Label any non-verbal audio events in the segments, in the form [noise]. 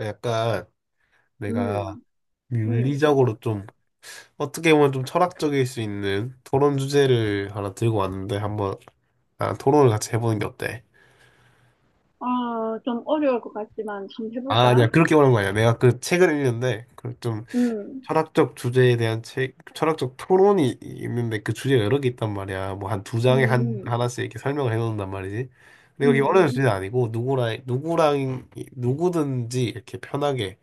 약간 내가 음, 음. 윤리적으로 좀 어떻게 보면 좀 철학적일 수 있는 토론 주제를 하나 들고 왔는데 한번 아, 토론을 같이 해보는 게 어때? 아, 좀 어려울 것 같지만 좀 아, 해볼까? 아니야. 그렇게 말한 거 아니야. 내가 그 책을 읽는데 그 좀 음, 철학적 주제에 대한 책, 철학적 토론이 있는데 그 주제가 여러 개 있단 말이야. 뭐 한 두 장에 한 음, 하나씩 이렇게 설명을 해놓는단 말이지. 근데 여기 어려운 음, 주제는 아니고 누구랑 누구랑 누구든지 이렇게 편하게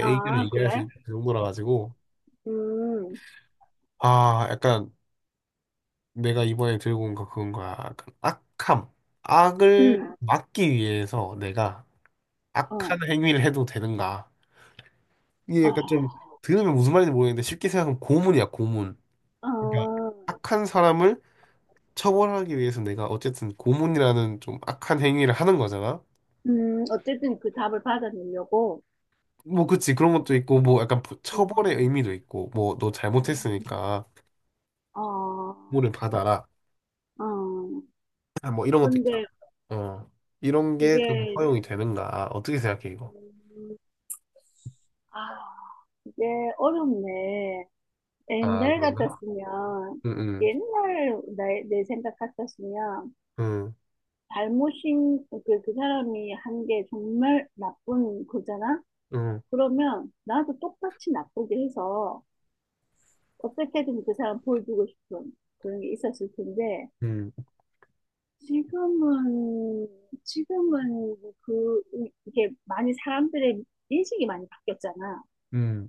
의견을 아, 얘기할 수 그래? 있는 정도라 가지고 음, 아, 약간 내가 이번에 들고 온 거 그건 거야. 약간 악함. 악을 음, 막기 위해서 내가 어, 악한 행위를 해도 되는가. 이게 아, 약간 좀 들으면 무슨 말인지 모르겠는데 쉽게 생각하면 고문이야, 고문. 아, 그러니까 악한 사람을 처벌하기 위해서 내가 어쨌든 고문이라는 좀 악한 행위를 하는 거잖아. 음. 어쨌든 그 답을 받아내려고. 뭐 그치 그런 것도 있고 뭐 약간 처벌의 음, 의미도 있고 뭐 너 음. 잘못했으니까 어, 고문을 받아라. 어. [clears throat] 아, 뭐 이런 것도 있잖아. 근데 어. 이런 게 좀 그게, 허용이 되는가? 어떻게 생각해 이거? 음, 아, 이게 어렵네. 아, 옛날 그런가? 같았으면, 응, 응, 옛날 내 생각 같았으면, 응, 잘못인 그 사람이 한 게 정말 나쁜 거잖아? 그러면 나도 똑같이 나쁘게 해서 어떻게든 그 사람 보여주고 싶은 그런 게 있었을 텐데 응, 지금은 지금은 그 이게 많이 사람들의 인식이 많이 바뀌었잖아. 응,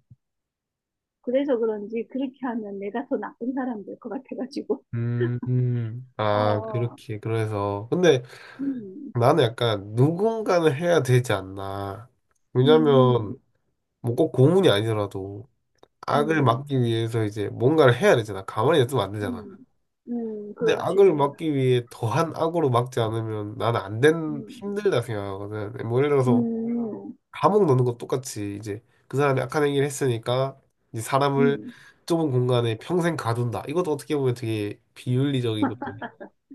그래서 그런지 그렇게 하면 내가 더 나쁜 사람 될 것 같아가지고. 응, 응. 어, 아, 어. 그렇게, 그래서. 근데 음, 나는 약간 누군가는 해야 되지 않나. 음, 왜냐면, 뭐 꼭 고문이 아니더라도 악을 음, 막기 위해서 이제 뭔가를 해야 되잖아. 가만히 있으면 안 되잖아. 음, 근데 그렇지. 악을 막기 위해 더한 악으로 막지 않으면 나는 안 된, 음, 힘들다 생각하거든. 뭐 예를 들어서 음. 감옥 넣는 것 똑같이 이제 그 사람이 악한 행위를 했으니까 이제 사람을 음, 좁은 공간에 평생 가둔다. 이것도 어떻게 보면 되게 비윤리적이고 좀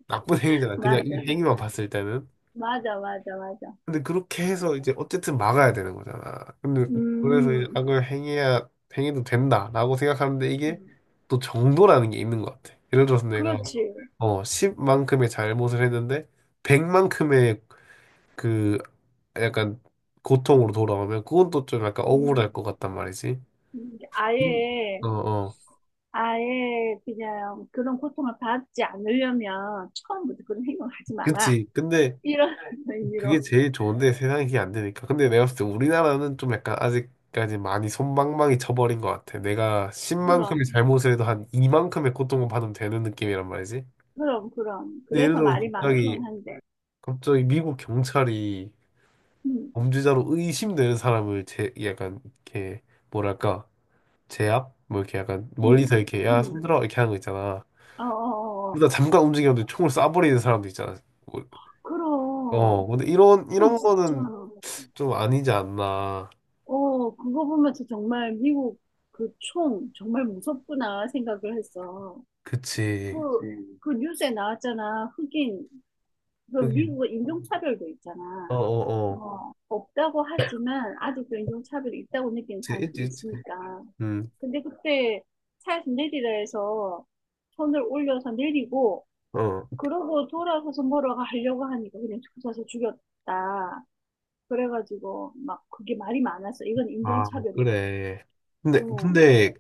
나쁜 행위잖아. 그냥 이 맞아. 행위만 봤을 때는. 맞아, 맞아, 맞아. 근데 그렇게 해서 이제 어쨌든 막아야 되는 거잖아. 근데 그래서 이제 음, 악을 행해야 행해도 된다라고 생각하는데 이게 음, 또 정도라는 게 있는 것 같아. 예를 들어서 내가 그렇지. 10만큼의 잘못을 했는데 100만큼의 약간 고통으로 돌아오면 그건 또 좀 약간 억울할 음, 것 같단 말이지. 음, 근- 아예, 어, 어. 아예 그냥 그런 고통을 받지 않으려면 처음부터 그런 행동을 하지 마라. 그치. 근데 이런 [laughs] 그게 의미로. 제일 좋은데 세상에 그게 안 되니까. 근데 내가 봤을 때 우리나라는 좀 약간 아직까지 많이 손방망이 쳐버린 것 같아. 내가 십만큼 그럼, 의 잘못을 해도 한 이만큼의 고통을 받으면 되는 느낌이란 말이지. 그럼, 그럼. 근데 예를 그래서 들어서 말이 많기는 갑자기, 한데. 갑자기 미국 경찰이 음, 범죄자로 의심되는 사람을 약간 이렇게 뭐랄까, 제압? 뭐 이렇게 약간 멀리서 음, 이렇게 야, 음. 손들어! 이렇게 하는 거 있잖아. 어, 어, 어. 그러다 어. 잠깐 움직였는데 총을 쏴버리는 사람도 있잖아. 뭐, 그럼, 어, 근데 이런, 그건 이런 진짜, 거는 좀 아니지 않나. 그거 보면서 정말 미국 그 총 정말 무섭구나 생각을 했어. 그치. 그 뉴스에 나왔잖아. 흑인, 그 여기, 미국은 인종차별도 어, 있잖아. 어, 어. 뭐, 없다고 하지만 아직도 인종차별이 있다고 느끼는 그치, 있지, 사람들이 있지. 있으니까. 음, 근데 그때 차에서 내리라 해서 손을 올려서 내리고, 어. 그러고 돌아서서 뭐라고 하려고 하니까 그냥 조사서 죽였다. 그래가지고 막 그게 말이 많았어. 이건 아, 인종차별이다. 그래. 근데, 어, 근데,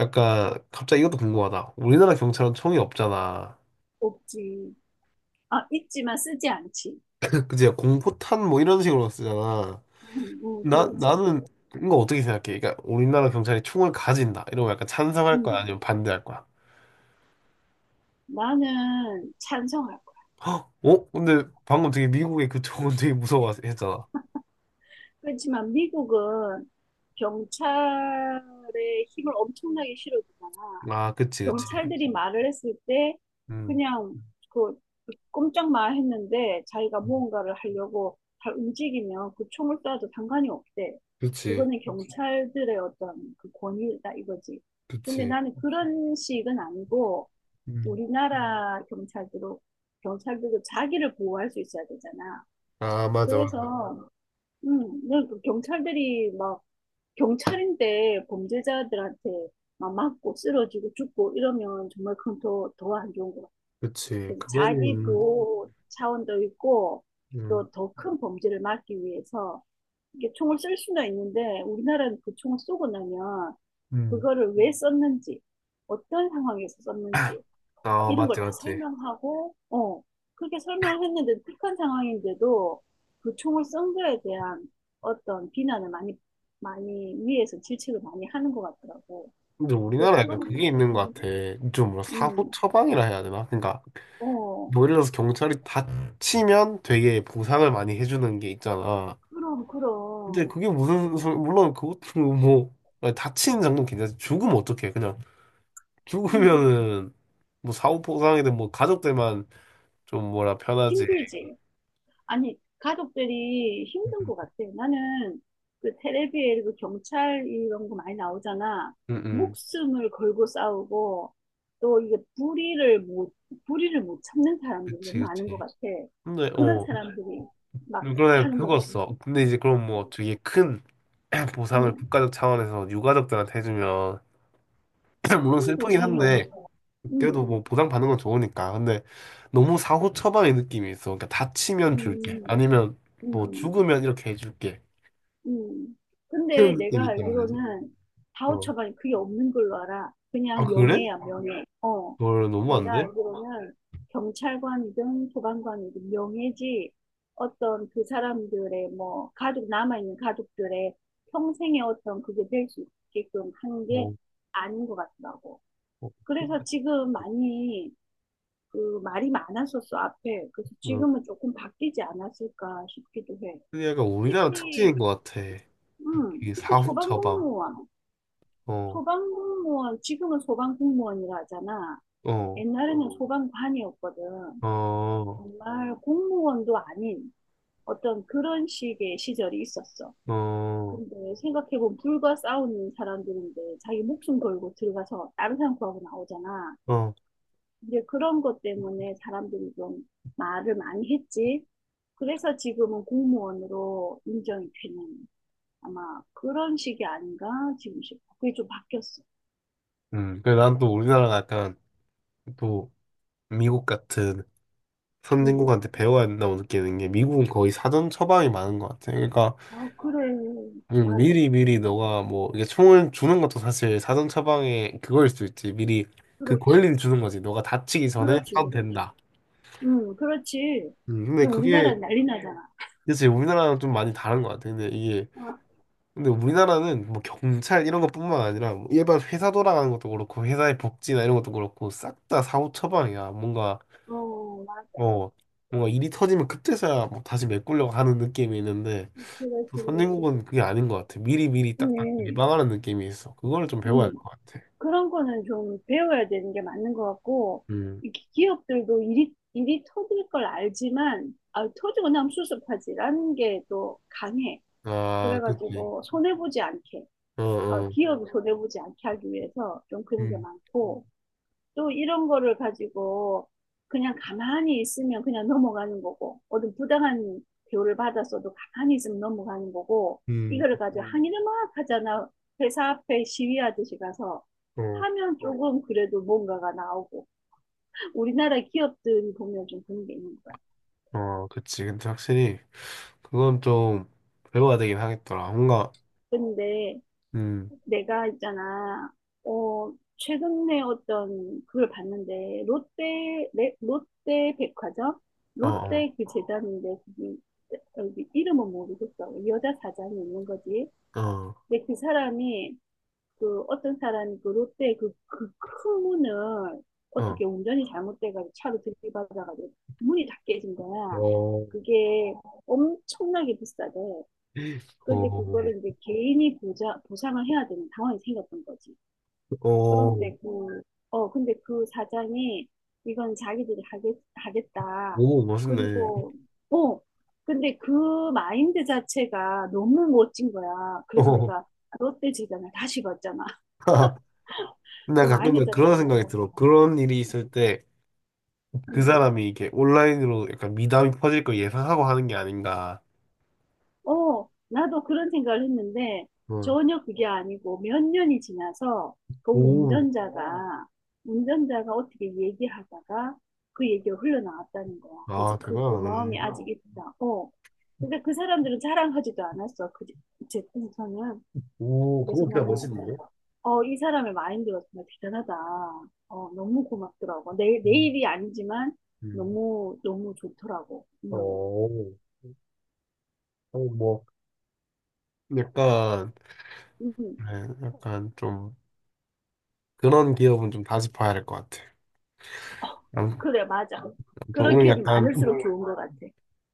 약간, 갑자기 이것도 궁금하다. 우리나라 경찰은 총이 없잖아. 없지. 아, 있지만 쓰지 않지. 그치, 공포탄 뭐 이런 식으로 쓰잖아. 응, 응, 나, 그렇지. 나는, 이거 어떻게 생각해? 그러니까, 우리나라 경찰이 총을 가진다. 이러면 약간 찬성할 거야? 응. 아니면 반대할 거야? 나는 찬성할 거야. 어? 근데 방금 되게 미국의 그쪽은 되게 무서워했잖아. 그렇지만 미국은 경찰의 힘을 엄청나게 실어주잖아. 아, 아, 그치, 그치. 경찰들이 그렇죠. 말을 했을 때 음, 그냥 그 꼼짝 마 했는데 자기가 무언가를 하려고 잘 움직이면 그 총을 쏴도 상관이 없대. 그치, 그거는 그렇죠. 경찰들의 어떤 그 권위다 이거지. 근데 그치. 나는 그런 식은 아니고 음. 우리나라 경찰들도 자기를 보호할 수 있어야 되잖아. 아, 맞아, 맞아. 그래서 그냥 그 경찰들이 막 경찰인데 범죄자들한테 막 맞고 쓰러지고 죽고 이러면 정말 그건 더, 더 안 좋은 것 같아요. 그치. 그래서 자기 그거는, 보호 차원도 있고 음, 또 더 큰 범죄를 막기 위해서 이게 총을 쓸 수는 있는데 우리나라는 그 총을 쏘고 나면 음. 그거를 왜 썼는지 어떤 상황에서 썼는지 아, 이런 걸 맞지, 다 맞지. 설명하고, 그렇게 설명을 했는데 극한 상황인데도 그 총을 쏜 거에 대한 어떤 비난을 많이, 많이 위에서 질책을 많이 하는 것 같더라고. 근데 우리나라 약간 그거는 그게 조금, 있는 것 같아. 좀 뭐라 사후 음, 처방이라 해야 되나? 그러니까 어, 뭐 예를 들어서 경찰이 다치면 되게 보상을 많이 해주는 게 있잖아. 그럼, 근데 그럼, 그게 무슨 물론 그것도 뭐 다치는 장면 괜찮지. 죽으면 어떡해? 그냥 음, 죽으면은 뭐 사후 포상이든 뭐 가족들만 좀 뭐라 편하지. 힘들지. 아니, 가족들이 힘든 음, 것 같아. 나는 그 텔레비에 그 경찰 이런 거 많이 나오잖아. 응, 응. 목숨을 걸고 싸우고 또 이게 불의를 못 참는 사람들이 그치, 너무 많은 것 그치. 같아. 근데, 그런 어, 사람들이 막 그러네, 하는 거잖아. 죽었어. 근데 이제 그럼 뭐 되게 큰 [clears throat] 보상을 음, 국가적 차원에서 유가족들한테 해주면, [clears throat] 물론 큰 슬프긴 보상이 없는 한데, 거야. 그래도 음, 뭐 보상 받는 건 좋으니까. 근데 너무 사후 처방의 느낌이 있어. 그러니까 다치면 줄게. 음, 아니면 뭐 음. 죽으면 이렇게 해줄게. 음. 근데 이런 느낌이 내가 있단 말이지. 알기로는 어. 바우처가 그게 없는 걸로 알아. 아, 그냥 그래? 명예야, 명예. 어. 그걸 너무 안 내가 돼? 알기로는 경찰관이든 소방관이든 명예지 어떤 그 사람들의 뭐 가족, 남아있는 가족들의 평생의 어떤 그게 될 수 있게끔 하는 게 어. 아닌 것 같더라고. 어. 그래서 지금 많이 그 말이 많았었어, 앞에. 그래서 어. 지금은 조금 바뀌지 않았을까 싶기도 해. 그게 약간 우리나라 특히 특징인 것 같아. 응, 이 특히 사후 처방. 소방공무원. 어, 소방공무원, 지금은 소방공무원이라 하잖아. 어, 옛날에는 소방관이었거든. 어, 정말 공무원도 아닌 어떤 그런 식의 시절이 있었어. 어, 근데 생각해보면 불과 싸우는 사람들인데 자기 목숨 걸고 들어가서 다른 사람 구하고 나오잖아. 어. 이데 그런 것 때문에 사람들이 좀 말을 많이 했지. 그래서 지금은 공무원으로 인정이 되는 아마 그런 식이 아닌가 지금 싶어. 그게 좀 바뀌었어. 그래, 난또 우리나라가 약간 또 미국 같은 음. 선진국한테 배워야 된다고 느끼는 게 미국은 거의 사전 처방이 많은 것 같아. 그러니까 아, 그래. 맞아. 미리 미리 너가 뭐 이게 총을 주는 것도 사실 사전 처방의 그거일 수 있지. 미리 그 그렇지. 권리를 주는 거지. 너가 다치기 전에 그렇지, 사도 그렇지. 된다. 그렇지. 근데 근데 우리나라 그게 는 난리 나잖아. 그치 우리나라랑 좀 많이 다른 것 같아. 근데 이게 아, 근데 우리나라는 뭐 경찰 이런 것뿐만 아니라 뭐 일반 회사 돌아가는 것도 그렇고 회사의 복지나 이런 것도 그렇고 싹 다 사후 처방이야. 어, 맞아. 뭐 뭔가 일이 터지면 그때서야 뭐 다시 메꾸려고 하는 느낌이 있는데 그렇지, 또 그렇지. 선진국은 그게 아닌 것 같아. 미리 미리 딱 음, 예방하는 느낌이 있어. 그거를 좀 배워야 할 음. 것 같아. 그런 거는 좀 배워야 되는 게 맞는 것 같고, 음. 이 기업들도 일이 터질 걸 알지만, 아, 터지고 나면 수습하지라는 게 또 강해. 아, 그치. 그래가지고, 어, 어. 기업이 손해보지 않게 하기 위해서 좀 그런 게 음, 많고, 또 이런 거를 가지고 그냥 가만히 있으면 그냥 넘어가는 거고, 어떤 부당한 대우를 받았어도 가만히 있으면 넘어가는 거고, 음, 이거를 가지고 항의를 막 하잖아. 회사 앞에 시위하듯이 가서 어, 하면 네. 조금 그래도 뭔가가 나오고, 우리나라 기업들이 보면 좀 그런 게 있는 거야. 어, 그치. 근데 확실히 그건 좀 배워야 되긴 하겠더라. 뭔가, 근데 음, 내가 있잖아, 최근에 어떤 그걸 봤는데, 롯데, 롯데 백화점? 어, 어, 롯데 그 재단인데, 그게, 여기 이름은 모르겠어. 여자 사장이 있는 거지. 어. 근데 그 어떤 사람이 그 롯데 그큰 문을 어. 어떻게 운전이 잘못돼가지고 차로 들이받아가지고 문이 다 깨진 거야. 어, 그게 엄청나게 비싸대. 근데 어, 그거를 이제 개인이 보상을 해야 되는 상황이 생겼던 거지. 어, 그런데 그, 근데 그 사장이 이건 자기들이 하겠다. 오, 멋있네. 그리고, 어, 근데 그 마인드 자체가 너무 멋진 거야. 그래서 어, 내가 롯데 재단을 다시 봤잖아. [laughs] [laughs] 그 나 마인드 가끔 자체가 그런 너무 생각이 멋진 들어. 거야. 그런 일이 있을 때 그 응. 사람이 이게 렇 온라인으로 약간 미담이 퍼질 걸 예상하고 하는 게 아닌가. 어, 나도 그런 생각을 했는데 어, 전혀 그게 아니고 몇 년이 지나서 그 어, 오, 운전자가 운전자가 어떻게 얘기하다가 그 얘기가 흘러나왔다는 거야. 그래서 아, 그 고마움이 대단하네. 아직 있다. 어. 근데 그 사람들은 자랑하지도 않았어. 그, 제 풍선은. 오, 그거 그래서 진짜 나는 멋있는데? 이 사람의 마인드가 정말 대단하다. 어, 너무 고맙더라고. 내 음, 일이 아니지만 음. 너무 너무 좋더라고. 어, 음. 어, 뭐, 약간, 음. 네, 약간 좀 그런 기업은 좀 다시 봐야 될 것 같아. 아무튼 그래, 맞아. 그런 오늘 기업이 약간 많을수록 좋은 것 같아.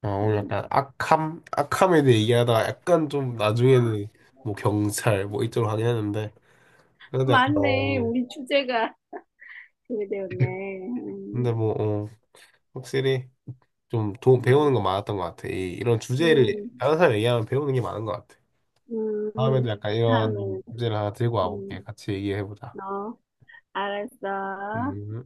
오늘 음. 약간 악함? 악함에 대해 얘기하다가 약간 좀 아, 나중에는 뭐 경찰 뭐 이쪽으로 가긴 했는데 그래도 약간 맞네. 어, 우리 주제가 그게 되었네. 근데 뭐 어, 확실히 좀 배우는 거 많았던 것 같아. 이런 주제를 음, 다른 사람 얘기하면 배우는 게 많은 것 같아. 음, 음. 다음에도 약간 이런 다음에는, 주제를 하나 들고 음, 와볼게. 같이 얘기해보자. 어, 알았어. 음.